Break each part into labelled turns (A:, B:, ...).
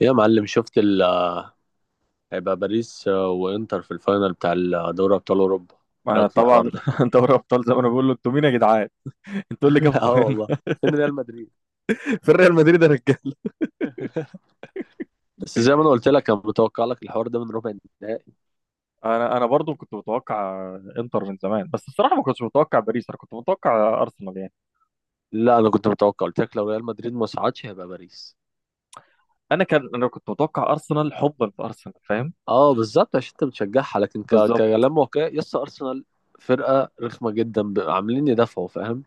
A: يا معلم شفت ال آه، هيبقى باريس وانتر في الفاينل بتاع دوري ابطال اوروبا. ايه
B: ما
A: رايك في
B: طبعا
A: الحوار ده؟
B: دوري ابطال زي ما انا بقول له: انتوا مين يا جدعان؟ انتوا إيه اللي جابكم
A: اه
B: هنا؟
A: والله، فين ريال مدريد؟
B: في ريال مدريد يا رجاله.
A: بس زي ما انا قلت لك انا متوقع لك الحوار ده من ربع النهائي.
B: انا برضو كنت متوقع انتر من زمان، بس الصراحه ما كنتش متوقع باريس، انا كنت متوقع ارسنال يعني.
A: لا انا كنت متوقع، قلت لك لو ريال مدريد ما صعدش هيبقى باريس.
B: انا كنت متوقع ارسنال حبا في ارسنال، فاهم؟
A: اه بالظبط عشان انت بتشجعها، لكن
B: بالظبط.
A: كلام واقعي يس ارسنال فرقه رخمه جدا، عاملين يدافعوا فاهم.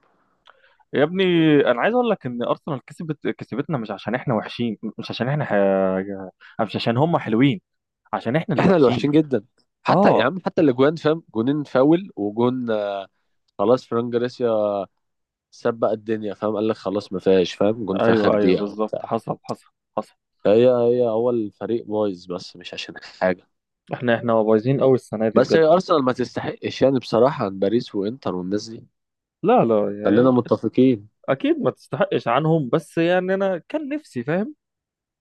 B: يا ابني، انا عايز اقول لك ان ارسنال كسبت، كسبتنا مش عشان احنا وحشين، مش عشان هم حلوين، عشان احنا اللي
A: احنا اللي
B: وحشين.
A: وحشين جدا، حتى يا
B: اه.
A: عم حتى الاجوان فاهم، جونين فاول وجون خلاص فران جاريس سبق الدنيا فاهم، قال لك خلاص ما فيهاش فاهم، جون في اخر
B: ايوه ايوه
A: دقيقه
B: بالظبط،
A: وبتاع.
B: حصل حصل حصل.
A: هي هي هو الفريق بايظ بس مش عشان حاجه.
B: احنا بايظين قوي السنه دي
A: بس هي
B: بجد.
A: ارسنال ما تستحقش يعني بصراحه عن باريس وانتر والناس دي.
B: لا لا،
A: خلينا متفقين.
B: اكيد ما تستحقش عنهم، بس يعني انا كان نفسي، فاهم.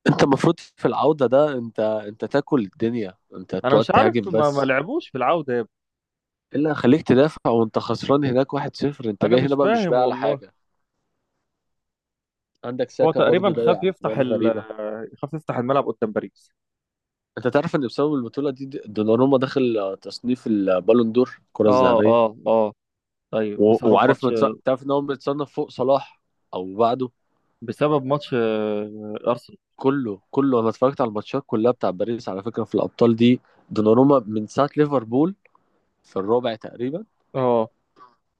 A: انت المفروض في العوده ده انت تاكل الدنيا، انت
B: انا
A: تقعد
B: مش عارف،
A: تهاجم
B: ما
A: بس.
B: لعبوش في العودة يا ابني.
A: الا خليك تدافع وانت خسران هناك 1-0، انت
B: انا
A: جاي
B: مش
A: هنا بقى مش
B: فاهم
A: بقى على
B: والله.
A: حاجه. عندك
B: هو
A: ساكا برضو
B: تقريبا
A: ضيع اجوان غريبه.
B: خاف يفتح الملعب قدام باريس.
A: انت تعرف ان بسبب البطوله دي دوناروما داخل تصنيف البالون دور الكره
B: اه
A: الذهبيه؟
B: اه اه. ايوه
A: و...
B: بسبب
A: وعارف
B: ماتش
A: متص... تعرف ان هو متصنف فوق صلاح او بعده.
B: بسبب ماتش ارسنال.
A: كله انا اتفرجت على الماتشات كلها بتاع باريس على فكره في الابطال دي. دوناروما من ساعه ليفربول في الرابع تقريبا.
B: اه.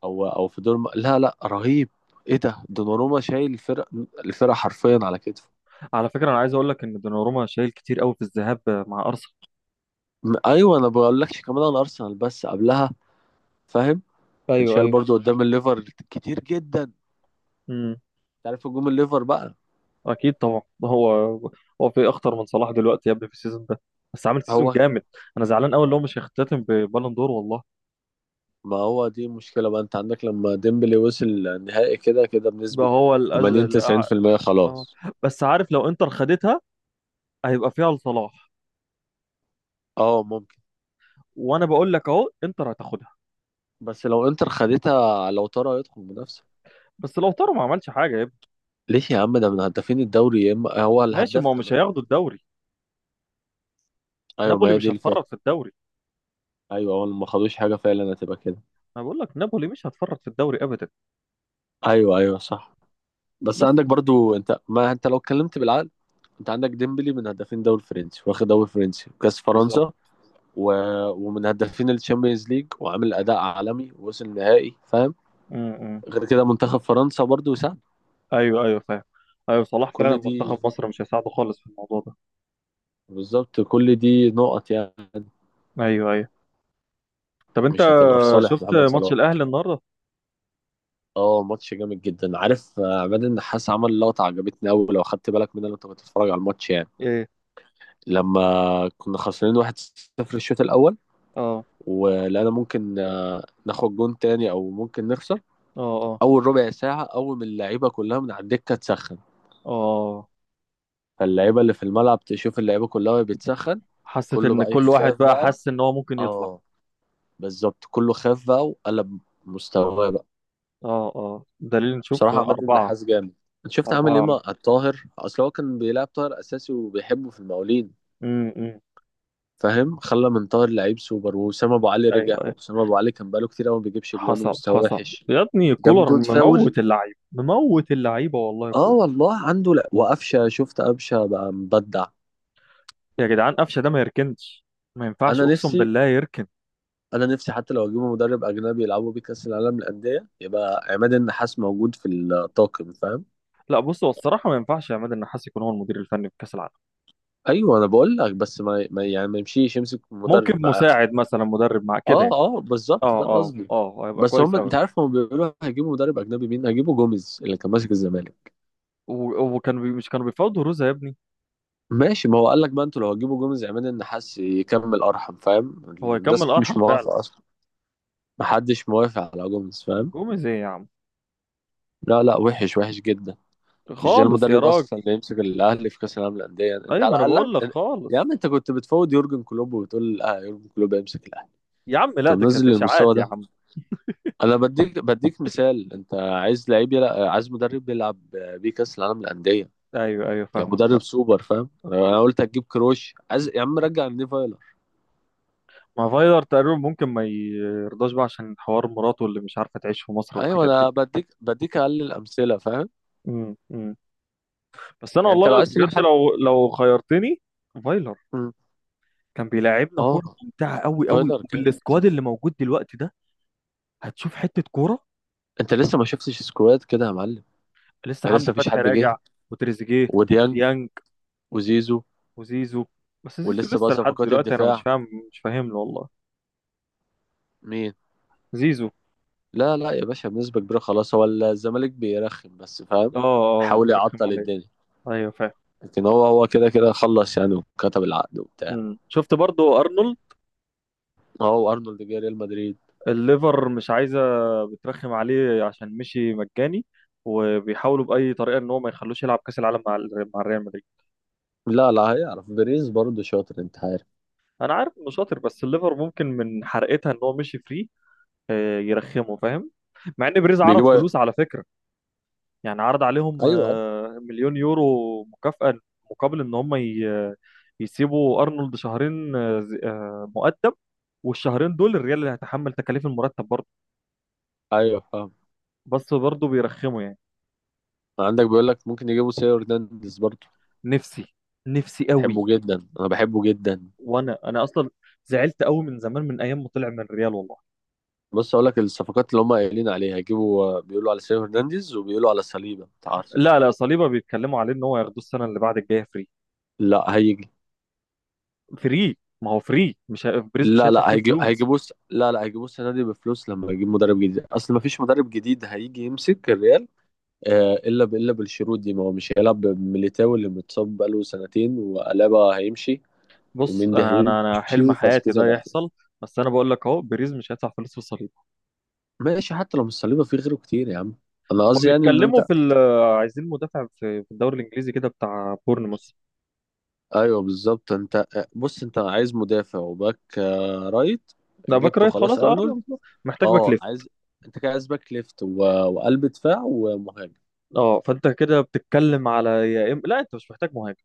A: او او في دور لا لا رهيب. ايه ده، دوناروما شايل الفرق، الفرقه حرفيا على كتفه.
B: على فكرة، انا عايز اقول لك ان دوناروما شايل كتير قوي في الذهاب مع ارسنال.
A: ايوه انا بقول لكش كمان على ارسنال بس قبلها فاهم، كان
B: ايوه
A: شايل
B: ايوه.
A: برضو قدام الليفر كتير جدا.
B: امم.
A: تعرف هجوم الليفر بقى.
B: اكيد طبعا، ده هو. هو في اخطر من صلاح دلوقتي يا ابني، في السيزون ده بس، عامل سيزون
A: هو
B: جامد. انا زعلان قوي اللي هو مش هيختتم ببالون دور والله.
A: ما هو دي مشكلة بقى، انت عندك لما ديمبلي وصل النهائي كده كده
B: ده
A: بنسبة
B: هو الأز...
A: 80
B: الأع...
A: 90%
B: اه
A: خلاص.
B: آه. بس عارف، لو انتر خدتها هيبقى فيها لصلاح.
A: اه ممكن.
B: وانا بقول لك اهو، انتر هتاخدها.
A: بس لو انتر خدتها لو ترى يدخل منافسة.
B: بس لو طاروا ما عملش حاجه يا ابني.
A: ليه يا عم؟ ده من هدافين الدوري، يا اما هو
B: ماشي،
A: الهداف
B: ما هو مش
A: كمان.
B: هياخدوا الدوري.
A: ايوه ما
B: نابولي
A: هي دي
B: مش
A: الفكرة.
B: هتفرط في الدوري.
A: ايوه هو ما خدوش حاجة فعلا، هتبقى كده.
B: انا بقول لك، نابولي مش هتفرط في الدوري ابدا.
A: ايوه ايوه صح. بس
B: بس.
A: عندك برضو انت، ما انت لو اتكلمت بالعقل، انت عندك ديمبلي من هدافين دوري فرنسي واخد دوري فرنسي وكاس
B: بالظبط.
A: فرنسا و... ومن هدافين الشامبيونز ليج وعامل اداء عالمي ووصل نهائي فاهم.
B: امم.
A: غير كده منتخب فرنسا برضو ساعد.
B: ايوه ايوه فاهم. ايوه، صلاح فعلا
A: كل دي،
B: منتخب مصر مش هيساعده خالص في الموضوع ده.
A: بالظبط كل دي نقط يعني،
B: ايوه ايوه. طب انت
A: مش هتبقى في صالح
B: شفت
A: محمد صلاح.
B: ماتش الاهلي النهارده؟
A: اه ماتش جامد جدا، عارف عماد النحاس عمل لقطة عجبتني أوي لو خدت بالك منها لو انت بتتفرج على الماتش يعني.
B: ايه.
A: لما كنا خسرانين 1-0 الشوط الأول،
B: اه
A: ولقينا ممكن ناخد جون تاني أو ممكن نخسر،
B: اه اه
A: أول ربع ساعة أول ما اللعيبة كلها من على الدكة تسخن،
B: اه.
A: فاللعيبة اللي في الملعب تشوف اللعيبة كلها وهي بتسخن
B: حسيت
A: كله
B: ان
A: بقى
B: كل
A: يخاف
B: واحد بقى
A: بقى.
B: حس ان هو ممكن يطلع.
A: اه بالظبط كله خاف بقى وقلب مستواه بقى.
B: اه اه، دليل نشوف.
A: بصراحة عماد
B: أربعة.
A: النحاس جامد. انت شفت عامل ايه
B: أربعة.
A: مع الطاهر؟ اصل هو كان بيلعب طاهر اساسي وبيحبه في المقاولين
B: أمم.
A: فاهم، خلى من طاهر لعيب سوبر. واسامة ابو علي
B: أيوه
A: رجع،
B: أيوه.
A: او اسامة ابو علي كان بقاله كتير قوي ما بيجيبش جوان
B: حصل
A: ومستواه
B: حصل.
A: وحش،
B: يا ابني،
A: جاب
B: كولر
A: جون فاول.
B: مموت اللعيبة، مموت اللعيبة والله
A: اه
B: كولر.
A: والله عنده، لا وقفشه شفت قفشه بقى مبدع.
B: يا جدعان، قفشة ده ما يركنش، ما ينفعش،
A: انا
B: أقسم
A: نفسي
B: بالله يركن.
A: انا نفسي حتى لو اجيبه مدرب اجنبي يلعبوا بيه كاس العالم للانديه يبقى عماد النحاس موجود في الطاقم فاهم.
B: لا، بص، هو الصراحة ما ينفعش عماد النحاس يكون هو المدير الفني في كأس العالم.
A: ايوه انا بقول لك بس ما يعني ما يمشيش، يمسك مدرب
B: ممكن
A: معاهم.
B: مساعد مثلا، مدرب مع كده
A: اه
B: يعني.
A: اه بالظبط
B: اه
A: ده
B: اه
A: قصدي.
B: اه، هيبقى
A: بس
B: كويس
A: هم انت
B: قوي.
A: عارف هم بيقولوا هيجيبوا مدرب اجنبي، مين هيجيبوا؟ جوميز اللي كان ماسك الزمالك.
B: مش كانوا بيفاوضوا روزا يا ابني؟
A: ماشي ما هو قال لك بقى، انتوا لو هتجيبوا جوميز عماد النحاس يكمل ارحم فاهم،
B: هو يكمل
A: الناس مش
B: أرحم فعلا.
A: موافقه اصلا، محدش موافق على جوميز فاهم.
B: جوميز ايه يا عم؟
A: لا لا وحش وحش جدا. مش ده
B: خالص يا
A: المدرب
B: راجل.
A: اصلا اللي يمسك الاهلي في كاس العالم للانديه انت
B: ايوه، ما
A: على
B: انا بقول لك
A: الاقل. يا
B: خالص.
A: عم انت كنت بتفوض يورجن كلوب وبتقول اه يورجن كلوب يمسك الاهلي،
B: يا عم
A: انت
B: لا، ده
A: منزل
B: كانت اشاعات
A: للمستوى
B: يا
A: ده.
B: عم.
A: انا بديك مثال، انت عايز لعيب يلعب، عايز مدرب يلعب بيه كاس العالم للانديه
B: ايوه ايوه
A: يعني
B: فاهمك،
A: مدرب
B: فاهم.
A: سوبر فاهم. انا
B: مم.
A: قلت هتجيب كروش، عايز يا عم رجع النيفايلر.
B: ما فايلر تقريبا ممكن ما يرضاش بقى عشان حوار مراته اللي مش عارفه تعيش في مصر
A: ايوه
B: والحاجات
A: انا
B: دي.
A: بديك اقل الامثله فاهم.
B: امم. بس انا
A: يعني انت لو
B: والله
A: عايز
B: بجد،
A: تجيب حد.
B: لو خيرتني، فايلر.
A: مم.
B: كان بيلعبنا
A: اه
B: كوره ممتعه قوي قوي،
A: فايلر كام؟
B: وبالسكواد اللي موجود دلوقتي ده هتشوف حته كوره.
A: انت لسه ما شفتش سكواد كده يا معلم،
B: لسه
A: ده لسه
B: حمدي
A: مفيش
B: فتحي
A: حد جه.
B: راجع، وتريزيجيه،
A: وديانج
B: ديانج،
A: وزيزو.
B: وزيزو. بس زيزو
A: ولسه بقى
B: لسه لحد
A: صفقات
B: دلوقتي انا مش
A: الدفاع.
B: فاهم مش فاهم له والله.
A: مين؟
B: زيزو.
A: لا لا يا باشا بنسبه كبيره خلاص، هو الزمالك بيرخم بس فاهم،
B: اه اه آه،
A: حاول
B: بيرخم
A: يعطل
B: عليا.
A: الدنيا.
B: ايوه فاهم.
A: لكن هو كده كده خلص يعني وكتب العقد وبتاع.
B: مم. شفت برضو ارنولد؟
A: هو ارنولد جه ريال مدريد.
B: الليفر مش عايزه، بترخم عليه عشان مشي مجاني، وبيحاولوا باي طريقه ان هو ما يخلوش يلعب كاس العالم مع ريال مدريد.
A: لا لا هيعرف بيريز برضه شاطر انت عارف.
B: انا عارف انه شاطر، بس الليفر ممكن من حرقتها ان هو مشي فري يرخمه، فاهم. مع ان بريز عرض
A: بيجيبوا ايوه
B: فلوس على فكره. يعني عرض عليهم
A: ايوه.
B: مليون يورو مكافاه مقابل يسيبوا ارنولد شهرين مؤدب. والشهرين دول الريال اللي هيتحمل تكاليف المرتب برضه.
A: أيوه، فاهم.
B: بس برضه بيرخموا يعني.
A: عندك بيقول لك ممكن يجيبوا سيو هرنانديز برضه.
B: نفسي، نفسي قوي.
A: بحبه جدا، انا بحبه جدا.
B: وانا اصلا زعلت قوي من زمان، من ايام ما طلع من الريال والله.
A: بص اقول لك الصفقات اللي هم قايلين عليها، هيجيبوا بيقولوا على سيو هرنانديز وبيقولوا على صليبه انت عارف.
B: لا لا، صليبه بيتكلموا عليه ان هو ياخدوه السنه اللي بعد الجايه فري.
A: لا هيجي.
B: فري. ما هو فري، مش ه... بريز مش
A: لا
B: هيدفع
A: لا
B: فيه
A: هيجي
B: فلوس.
A: هيجيبوه لا لا هيجيبوه السنه دي بفلوس لما يجيب مدرب جديد، اصل ما فيش مدرب جديد هيجي يمسك الريال الا الا بالشروط دي، ما هو مش هيلعب بميليتاو اللي متصاب بقاله سنتين، والابا هيمشي
B: بص،
A: ومندي
B: انا انا أنا
A: هيمشي
B: حلم حياتي
A: وفاسكيز
B: ده
A: هيبقى احتياط.
B: يحصل. بس انا بقول لك اهو، بريز مش هيدفع فلوس في صليبه.
A: ماشي حتى لو مش صليبه في غيره كتير يا عم. انا
B: هما
A: قصدي يعني ان
B: بيتكلموا
A: انت.
B: في ال... عايزين مدافع في الدوري الانجليزي كده، بتاع بورنموث.
A: ايوه بالظبط، انت بص انت عايز مدافع وباك رايت
B: لا، باك
A: جبته
B: رايت
A: خلاص
B: خلاص، اه.
A: ارنولد.
B: محتاج باك
A: اه
B: ليفت.
A: عايز. انت كده عايز باك ليفت وقلب دفاع ومهاجم.
B: اه، فانت كده بتتكلم على لا، انت مش محتاج مهاجم.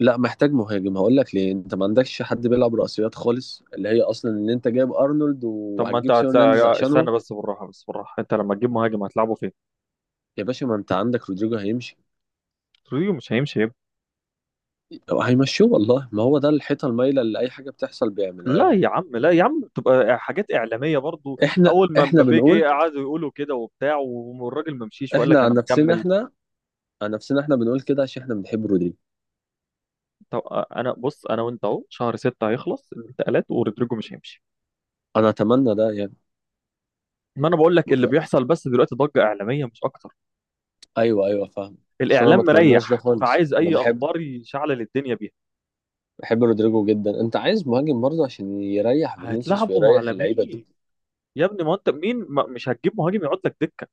A: لا محتاج مهاجم، هقول لك ليه، انت ما عندكش حد بيلعب رأسيات خالص اللي هي اصلا ان انت جايب ارنولد
B: طب، ما انت
A: وهتجيب سيرو هرنانديز
B: هتلاقي.
A: عشانهم.
B: استنى بس، بالراحه بس بالراحه. انت لما تجيب مهاجم هتلعبه فين؟
A: يا باشا ما انت عندك رودريجو هيمشي،
B: رودريجو مش هيمشي يبقى.
A: او هيمشوه والله، ما هو ده الحيطه المايله اللي اي حاجه بتحصل بيعملوها
B: لا
A: لنا.
B: يا عم، لا يا عم، تبقى حاجات اعلاميه برضو.
A: احنا
B: اول ما
A: احنا
B: مبابي
A: بنقول
B: جه قعدوا يقولوا كده وبتاع، والراجل ما مشيش وقال لك
A: احنا عن
B: انا
A: نفسنا
B: مكمل.
A: احنا عن نفسنا احنا بنقول كده عشان احنا بنحب رودريجو.
B: طب، انا بص، انا وانت اهو، شهر 6 هيخلص الانتقالات، ورودريجو مش هيمشي.
A: انا اتمنى ده يعني.
B: ما انا بقول لك
A: ما
B: اللي
A: تك-
B: بيحصل بس دلوقتي ضجه اعلاميه مش اكتر.
A: ايوه ايوه فاهم. بس انا ما
B: الاعلام
A: اتمناش ده
B: مريح،
A: خالص،
B: فعايز
A: انا
B: اي
A: بحب
B: اخبار يشعلل الدنيه بيها.
A: بحب رودريجو جدا. انت عايز مهاجم برضه عشان يريح فينيسيوس
B: هتلعبوا
A: ويريح
B: على
A: اللعيبه دي.
B: مين؟ يا ابني، ما انت مين؟ ما مش هتجيب مهاجم يقعد لك دكه.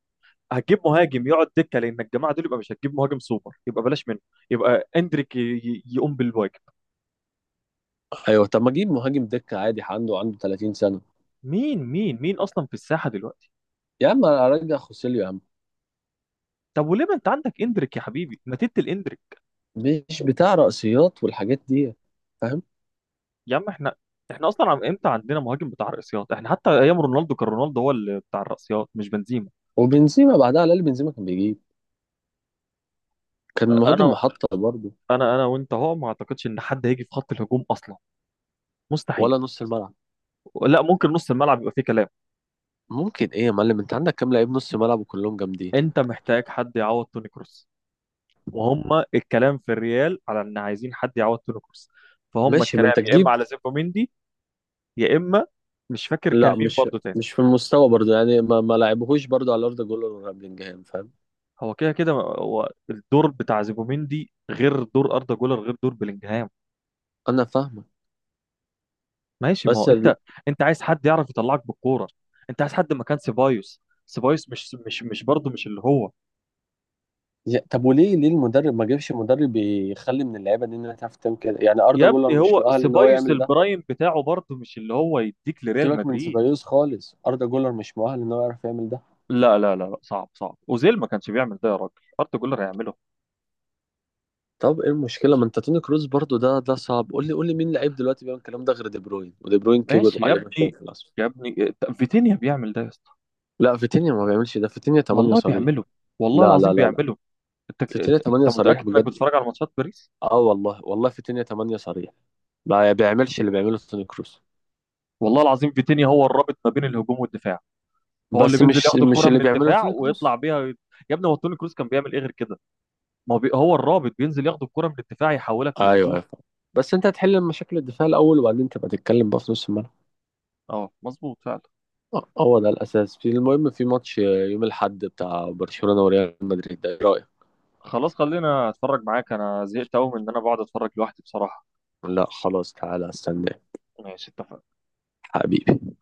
B: هتجيب مهاجم يقعد دكه لان الجماعه دول، يبقى مش هتجيب مهاجم سوبر يبقى بلاش منه. يبقى اندريك يقوم بالواجب.
A: ايوه طب ما اجيب مهاجم دكه عادي، عنده 30 سنه.
B: مين مين مين اصلا في الساحه دلوقتي؟
A: يا عم ارجع خوسيليو يا عم،
B: طب وليه، ما انت عندك اندريك يا حبيبي، ما تدي الاندريك.
A: مش بتاع رأسيات والحاجات دي.
B: يا عم احنا، احنا اصلا عم امتى عندنا مهاجم بتاع الرأسيات؟ احنا حتى ايام رونالدو كان رونالدو هو اللي بتاع الرأسيات، مش بنزيما.
A: وبنزيما بعدها على الاقل بنزيما كان بيجيب، كان مهاجم
B: انا
A: محطة برضه.
B: انا وانت اهو، ما اعتقدش ان حد هيجي في خط الهجوم اصلا، مستحيل.
A: ولا نص الملعب.
B: لا، ممكن نص الملعب يبقى فيه كلام.
A: ممكن ايه يا معلم، انت عندك كام لعيب نص ملعب وكلهم جامدين.
B: انت محتاج حد يعوض توني كروس، وهم الكلام في الريال على ان عايزين حد يعوض توني كروس. فهم
A: ماشي ما
B: الكلام
A: انت
B: يا اما
A: تجيب.
B: على زوبيميندي، يا اما مش فاكر
A: لا
B: كان مين
A: مش
B: برضه تاني.
A: مش في المستوى برضه يعني ما لعبهوش برضه على ارض جولر ولا بلينجهام فاهم.
B: هو كده كده هو الدور بتاع زوبيميندي غير دور اردا جولر، غير دور بلينجهام.
A: انا فاهمك.
B: ماشي، ما
A: بس
B: هو
A: ال...
B: انت، انت عايز حد يعرف يطلعك بالكوره. انت عايز حد مكان سيبايوس، سيبايوس مش برضه، مش اللي هو.
A: طب وليه المدرب ما جابش مدرب يخلي من اللعيبه دي انها تعرف تعمل كده؟ يعني اردا
B: يا
A: جولر
B: ابني،
A: مش
B: هو
A: مؤهل ان هو
B: سيبايوس
A: يعمل ده.
B: البرايم بتاعه برضه مش اللي هو يديك لريال
A: سيبك من
B: مدريد.
A: سيبايوس خالص، اردا جولر مش مؤهل ان هو يعرف يعمل ده.
B: لا لا لا لا، صعب صعب. اوزيل ما كانش بيعمل ده يا راجل، اردا جولر هيعمله؟
A: طب ايه المشكله، ما انت توني كروز برضو ده صعب، قول لي مين لعيب دلوقتي بيعمل الكلام ده غير دي بروين ودي بروين كبر
B: ماشي يا
A: وعليه
B: ابني.
A: مشاكل اصلا.
B: يا ابني فيتينيا بيعمل ده يا اسطى.
A: لا فيتينيا ما بيعملش ده، فيتينيا 8
B: والله
A: صريح.
B: بيعمله، والله
A: لا لا
B: العظيم
A: لا لا
B: بيعمله. انت
A: فيتينيا
B: انت
A: 8
B: أنت
A: صريح
B: متاكد انك
A: بجد.
B: بتتفرج على ماتشات باريس؟
A: اه والله والله فيتينيا 8 صريح، ما بيعملش اللي بيعمله توني كروز.
B: والله العظيم، فيتينيا هو الرابط ما بين الهجوم والدفاع. هو اللي
A: بس
B: بينزل
A: مش
B: ياخد
A: مش
B: الكره
A: اللي
B: من
A: بيعمله
B: الدفاع
A: توني كروز.
B: ويطلع بيها. يا ابني، هو توني كروس كان بيعمل ايه غير كده؟ ما هو بي... هو الرابط، بينزل ياخد الكره من الدفاع يحولك
A: ايوه
B: لهجوم.
A: ايوه فاهم. بس انت هتحل مشاكل الدفاع الاول وبعدين تبقى تتكلم بقى في نص الملعب.
B: اه، مظبوط فعلا.
A: اه، هو ده الاساس، في المهم في ماتش يوم الاحد بتاع برشلونه وريال مدريد ده ايه رايك؟
B: خلاص، خلينا اتفرج معاك، انا زهقت قوي من ان انا بقعد اتفرج لوحدي بصراحه.
A: لا خلاص تعالى استنى
B: ماشي، اتفقنا.
A: حبيبي.